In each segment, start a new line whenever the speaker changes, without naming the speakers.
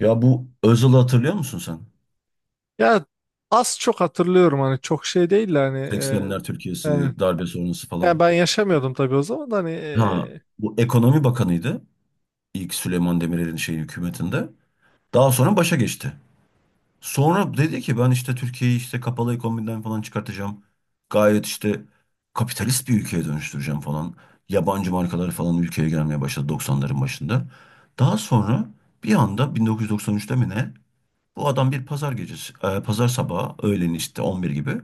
Ya, bu Özal'ı hatırlıyor musun sen?
Ya az çok hatırlıyorum hani çok şey değil de hani,
80'ler
e,
Türkiye'si, darbe sonrası
yani
falan.
ben yaşamıyordum tabii o zaman da hani,
Ha, bu ekonomi bakanıydı. İlk Süleyman Demirel'in şeyi hükümetinde. Daha sonra başa geçti. Sonra dedi ki ben işte Türkiye'yi işte kapalı ekonomiden falan çıkartacağım. Gayet işte kapitalist bir ülkeye dönüştüreceğim falan. Yabancı markalar falan ülkeye gelmeye başladı 90'ların başında. Daha sonra bir anda 1993'te mi ne? Bu adam bir pazar gecesi, pazar sabahı öğlen işte 11 gibi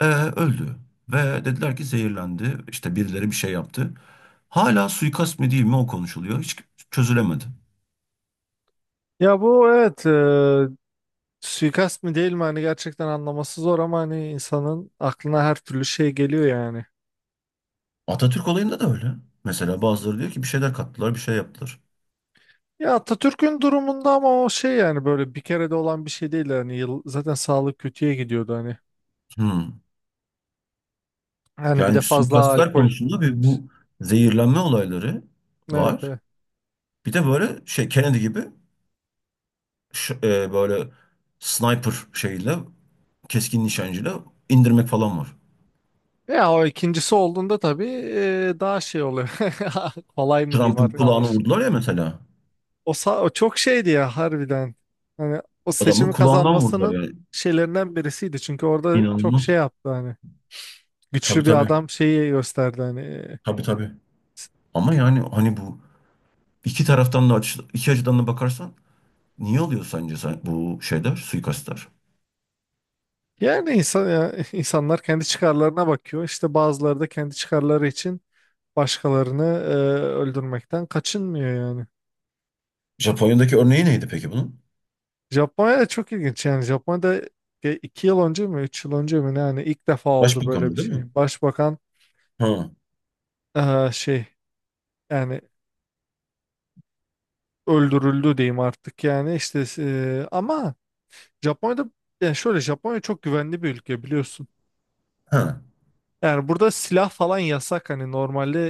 Öldü ve dediler ki zehirlendi. İşte birileri bir şey yaptı. Hala suikast mı değil mi o konuşuluyor. Hiç çözülemedi.
ya bu evet, suikast mı değil mi hani gerçekten anlaması zor ama hani insanın aklına her türlü şey geliyor yani.
Atatürk olayında da öyle. Mesela bazıları diyor ki bir şeyler kattılar, bir şey yaptılar.
Ya Atatürk'ün durumunda, ama o şey yani böyle bir kere de olan bir şey değil yani zaten sağlık kötüye gidiyordu hani.
Hmm.
Yani bir
Yani
de
bir
fazla
suikastlar
alkol.
konusunda bir bu zehirlenme olayları
Evet,
var.
evet.
Bir de böyle şey Kennedy gibi böyle sniper şeyle keskin nişancıyla indirmek falan var.
Ya o ikincisi olduğunda tabii, daha şey oluyor. Kolay mı diyeyim
Trump'ın
artık.
kulağına vurdular ya mesela.
O çok şeydi ya harbiden. Hani o
Adamın
seçimi
kulağından vurdular
kazanmasının
yani.
şeylerinden birisiydi. Çünkü orada çok şey
İnanılmaz.
yaptı hani.
Tabii,
Güçlü bir
tabii.
adam şeyi gösterdi hani.
Tabii, tabii. Ama yani hani bu iki taraftan da iki açıdan da bakarsan niye oluyor sence bu şeyler, suikastlar?
Yani insan ya, insanlar kendi çıkarlarına bakıyor. İşte bazıları da kendi çıkarları için başkalarını öldürmekten kaçınmıyor yani.
Japonya'daki örneği neydi peki bunun?
Japonya da çok ilginç yani. Japonya'da 2 yıl önce mi, 3 yıl önce mi ne, yani ilk defa oldu böyle
Başbakanlığı
bir
değil mi?
şey. Başbakan
Ha.
şey yani öldürüldü diyeyim artık yani, işte ama Japonya'da yani şöyle, Japonya çok güvenli bir ülke biliyorsun.
Ha.
Yani burada silah falan yasak hani normalde,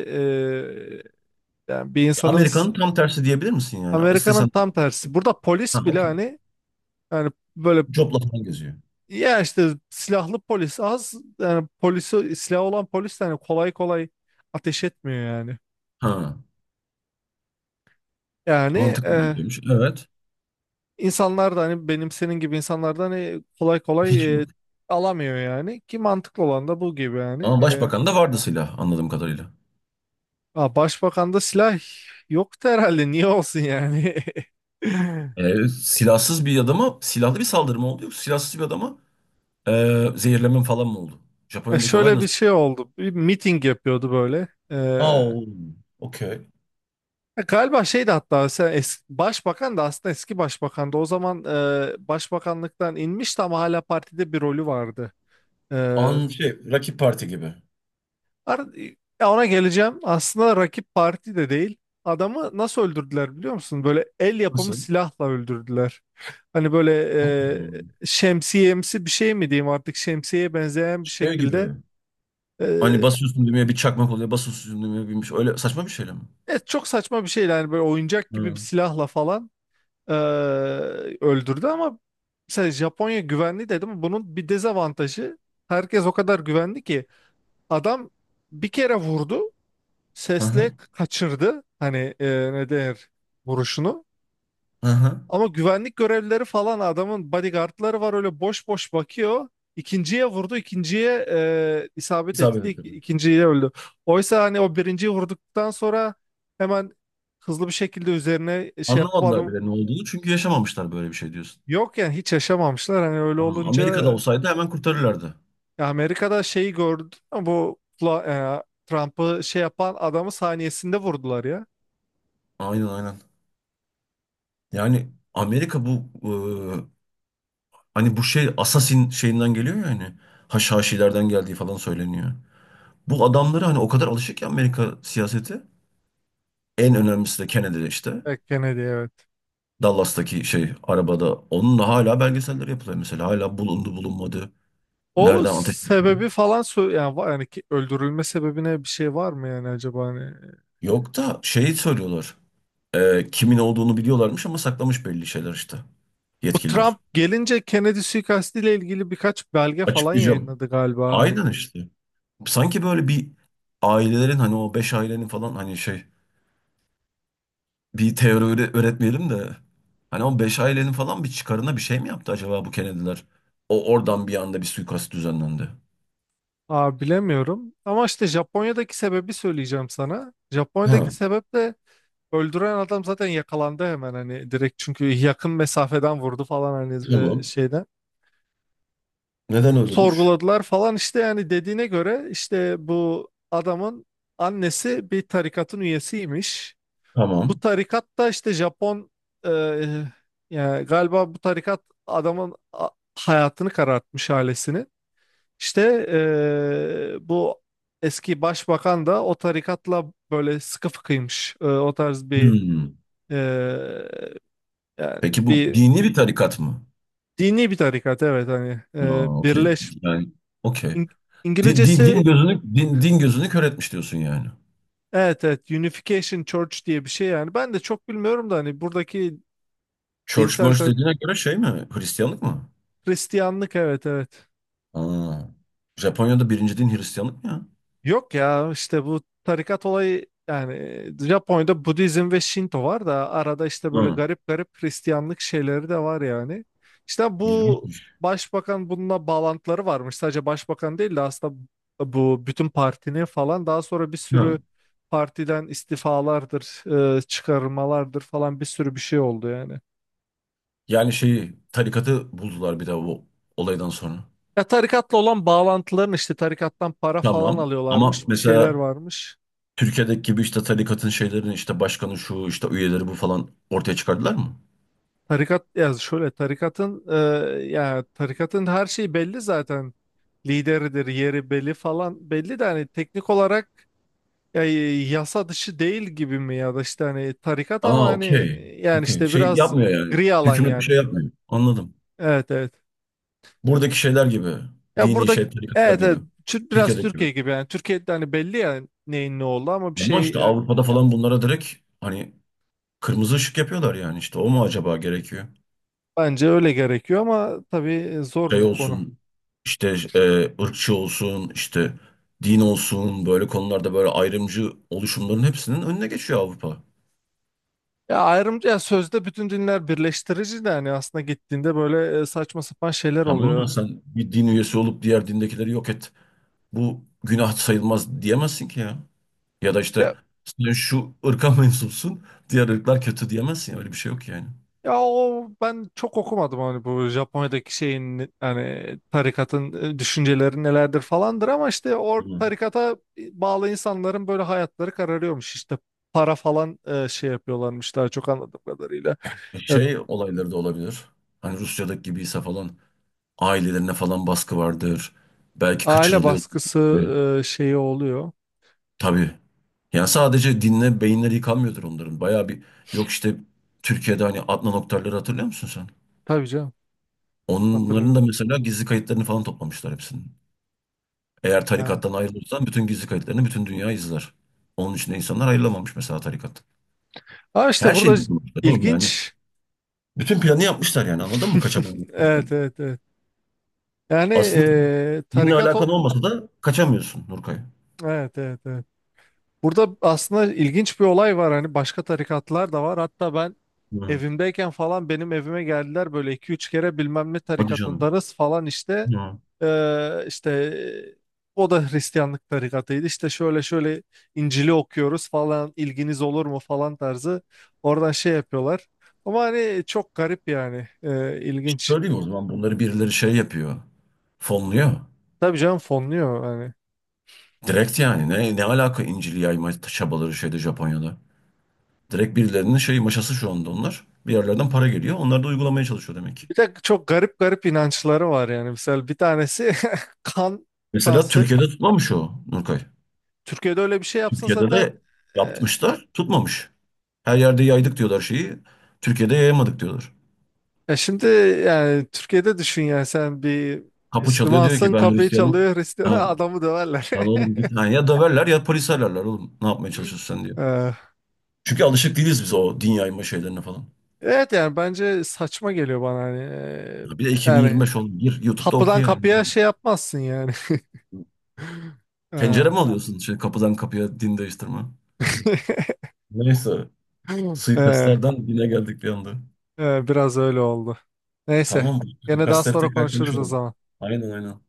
yani bir insanın
Amerika'nın tam tersi diyebilir misin yani?
Amerika'nın
İstesen
tam tersi. Burada
ha,
polis bile
okey.
hani, yani böyle,
Copla falan geziyor.
ya işte silahlı polis az yani polisi silah olan polis de hani kolay kolay ateş etmiyor yani.
Ha.
Yani,
Mantıklı
e,
bir şeymiş. Evet.
İnsanlar da hani benim senin gibi insanlardan hani kolay
Hiç
kolay
yok.
alamıyor yani, ki mantıklı olan da bu gibi yani.
Ama başbakan da vardı silah anladığım kadarıyla.
Ha, başbakanda silah yoktu herhalde, niye olsun yani.
Silahsız bir adama silahlı bir saldırı mı oldu yoksa silahsız bir adama zehirleme falan mı oldu? Japonya'daki olay
Şöyle bir
nasıl?
şey oldu, bir miting yapıyordu böyle.
Aa, okey.
Ya galiba şeydi, hatta sen başbakan da aslında eski başbakan da o zaman başbakanlıktan inmişti ama hala partide bir rolü vardı. E,
An şey rakip parti gibi.
Ar- Ya, ona geleceğim. Aslında rakip parti de değil. Adamı nasıl öldürdüler biliyor musun? Böyle el yapımı
Nasıl?
silahla öldürdüler. Hani böyle,
Hmm.
şemsiyemsi bir şey mi diyeyim artık, şemsiyeye benzeyen bir
Şey
şekilde.
gibi.
E,
Hani basıyorsun düğmeye bir çakmak oluyor. Basıyorsun düğmeye binmiş. Öyle saçma bir şeyle mi?
evet, çok saçma bir şeydi. Hani böyle oyuncak gibi bir
Hı.
silahla falan e, öldürdü ama, mesela Japonya güvenli dedim. Bunun bir dezavantajı, herkes o kadar güvenli ki adam bir kere vurdu.
Aha, aha.
Sesle kaçırdı. Hani, ne denir, vuruşunu. Ama güvenlik görevlileri falan, adamın bodyguardları var, öyle boş boş bakıyor. İkinciye vurdu, ikinciye isabet
İsabet
etti,
ettirdim.
ikinciye öldü. Oysa hani o birinciyi vurduktan sonra hemen, hızlı bir şekilde üzerine şey yapıp
Anlamadılar
adam,
bile ne olduğunu çünkü yaşamamışlar böyle bir şey diyorsun.
yok yani hiç yaşamamışlar. Hani öyle
Ama Amerika'da
olunca,
olsaydı hemen kurtarırlardı.
ya Amerika'da şeyi gördü, bu Trump'ı şey yapan adamı saniyesinde vurdular ya.
Aynen, aynen. Yani Amerika bu e, hani bu şey Assassin şeyinden geliyor ya, hani Haşhaşilerden geldiği falan söyleniyor. Bu adamları hani o kadar alışık ki Amerika siyaseti. En önemlisi de Kennedy işte.
Evet, Kennedy, evet.
Dallas'taki şey arabada. Onun da hala belgeseller yapılıyor mesela. Hala bulundu bulunmadı.
O
Nereden ateş etti?
sebebi falan yani, yani ki öldürülme sebebine bir şey var mı yani acaba hani?
Yok, da şeyi söylüyorlar. Kimin olduğunu biliyorlarmış ama saklamış belli şeyler işte.
Bu
Yetkililer.
Trump gelince Kennedy suikastiyle ilgili birkaç belge falan
Açıklayacağım.
yayınladı galiba hani.
Aynen işte. Sanki böyle bir ailelerin hani o beş ailenin falan hani şey bir teori öğretmeyelim de hani o beş ailenin falan bir çıkarına bir şey mi yaptı acaba bu Kennedy'ler? O oradan bir anda bir suikast düzenlendi.
Aa, bilemiyorum ama işte Japonya'daki sebebi söyleyeceğim sana. Japonya'daki
Ha,
sebep de, öldüren adam zaten yakalandı hemen, hani direkt, çünkü yakın mesafeden vurdu falan hani
tamam.
şeyden.
Neden öldürmüş?
Sorguladılar falan işte, yani dediğine göre, işte bu adamın annesi bir tarikatın üyesiymiş. Bu
Tamam.
tarikat da işte Japon, e, yani galiba bu tarikat adamın hayatını karartmış, ailesini. İşte bu eski başbakan da o tarikatla böyle sıkı fıkıymış. O tarz bir,
Hmm.
e, yani
Peki bu
bir
dini bir tarikat mı?
dini bir tarikat evet, hani
Aa, okey. Yani okey.
İng-
Din, din, din
İngilizcesi,
gözünü din, din gözünü kör etmiş diyorsun yani.
evet evet, Unification Church diye bir şey yani. Ben de çok bilmiyorum da hani buradaki
Church
dinsel
Merch dediğine göre şey mi? Hristiyanlık mı?
Hristiyanlık, evet evet.
Aa. Japonya'da birinci din Hristiyanlık mı ya?
Yok ya, işte bu tarikat olayı, yani Japonya'da Budizm ve Şinto var da arada işte böyle
Hı.
garip garip Hristiyanlık şeyleri de var yani. İşte bu
İlginçmiş.
başbakan bununla bağlantıları varmış. Sadece başbakan değil de aslında bu bütün partinin falan, daha sonra bir sürü
Hı.
partiden istifalardır, çıkarmalardır falan, bir sürü bir şey oldu yani.
Yani şeyi tarikatı buldular bir de o olaydan sonra.
Ya tarikatla olan bağlantıların, işte tarikattan para falan
Tamam. Ama
alıyorlarmış, bir şeyler
mesela
varmış.
Türkiye'deki gibi işte tarikatın şeylerini işte başkanı şu işte üyeleri bu falan ortaya çıkardılar mı?
Tarikat ya şöyle, tarikatın ya tarikatın her şeyi belli zaten. Lideridir, yeri belli falan belli, de hani teknik olarak ya, yasa dışı değil gibi mi, ya da işte hani tarikat ama
Aa,
hani,
okey.
yani
Okey.
işte
Şey
biraz
yapmıyor yani.
gri alan
Hükümet bir şey
yani.
yapmıyor. Anladım.
Evet, evet.
Buradaki şeyler gibi.
Ya
Dini
burada,
şey, tarikatlar
evet
gibi.
evet biraz
Türkiye'deki gibi.
Türkiye gibi yani, Türkiye'de hani belli yani neyin ne oldu ama bir
Ama
şey
işte
yani,
Avrupa'da falan bunlara direkt hani kırmızı ışık yapıyorlar yani, işte o mu acaba gerekiyor?
bence öyle gerekiyor ama tabii zor
Şey
bir konu.
olsun işte e, ırkçı olsun işte din olsun böyle konularda böyle ayrımcı oluşumların hepsinin önüne geçiyor Avrupa.
Ya ayrımcı, ya sözde bütün dinler birleştirici de hani aslında gittiğinde böyle saçma sapan şeyler
Tamam
oluyor.
da sen bir din üyesi olup diğer dindekileri yok et. Bu günah sayılmaz diyemezsin ki ya. Ya da işte
Ya
sen şu ırka mensupsun, diğer ırklar kötü diyemezsin ya. Öyle bir şey yok yani.
ya o ben çok okumadım hani bu Japonya'daki şeyin, hani tarikatın düşünceleri nelerdir falandır, ama işte o
Hı.
tarikata bağlı insanların böyle hayatları kararıyormuş, işte para falan şey yapıyorlarmış, daha çok anladığım kadarıyla. Ya,
Şey olayları da olabilir. Hani Rusya'daki gibiyse falan ailelerine falan baskı vardır. Belki
aile
kaçırılıyor.
baskısı, şeyi oluyor.
Tabii. Yani sadece dinle beyinleri yıkanmıyordur onların. Bayağı bir yok işte Türkiye'de hani Adnan Oktar'ları hatırlıyor musun sen?
Tabii canım,
Onların da
hatırlıyorum.
mesela gizli kayıtlarını falan toplamışlar hepsinin. Eğer
Ha.
tarikattan ayrılırsan bütün gizli kayıtlarını bütün dünya izler. Onun için de insanlar ayrılamamış mesela tarikat.
Ama işte
Her şeyi
burada
düşünmüşler oğlum yani.
ilginç.
Bütün planı yapmışlar yani anladın mı
Evet,
kaçamayacaktan.
evet, evet. Yani,
Aslında dinle
tarikat
alakan
o...
olmasa da kaçamıyorsun Nurkay.
Evet, evet, evet. Burada aslında ilginç bir olay var, hani başka tarikatlar da var. Hatta ben
Hı.
evimdeyken falan benim evime geldiler böyle iki üç kere, bilmem ne
Hadi canım.
tarikatındanız falan işte.
Hı.
İşte o da Hristiyanlık tarikatıydı. İşte şöyle şöyle İncil'i okuyoruz falan, ilginiz olur mu falan tarzı. Oradan şey yapıyorlar. Ama hani çok garip yani,
İşte
ilginç.
söyleyeyim o zaman, bunları birileri şey yapıyor. Fonluyor.
Tabii canım, fonluyor hani.
Direkt yani, ne ne alaka İncil'i yayma çabaları şeyde Japonya'da. Direkt birilerinin şey maşası şu anda onlar. Bir yerlerden para geliyor. Onlar da uygulamaya çalışıyor demek ki.
Bir de çok garip garip inançları var yani. Mesela bir tanesi, kan
Mesela
transfer.
Türkiye'de tutmamış o Nurkay.
Türkiye'de öyle bir şey yapsa
Türkiye'de
zaten,
de
e,
yapmışlar, tutmamış. Her yerde yaydık diyorlar şeyi. Türkiye'de yayamadık diyorlar.
ya şimdi, yani Türkiye'de düşün yani, sen bir
Kapı çalıyor diyor ki
Müslümansın,
ben
kapıyı
Hristiyanım.
çalıyor Hristiyan,
Ha,
adamı döverler.
lan oğlum git. Ha, ya döverler ya polis ararlar oğlum. Ne yapmaya çalışıyorsun sen diyor.
E,
Çünkü alışık değiliz biz o din yayma şeylerine falan.
Evet yani, bence saçma geliyor bana hani.
Ya bir de
Yani
2025 oğlum. Gir YouTube'da oku
kapıdan
yani.
kapıya şey yapmazsın yani.
Tencere
E,
mi alıyorsun? Şey, kapıdan kapıya din değiştirme. Neyse.
e,
Suikastlardan dine geldik bir anda.
Biraz öyle oldu. Neyse.
Tamam.
Gene daha
Suikastları
sonra
tekrar
konuşuruz o
konuşalım.
zaman.
Aynen, aynen.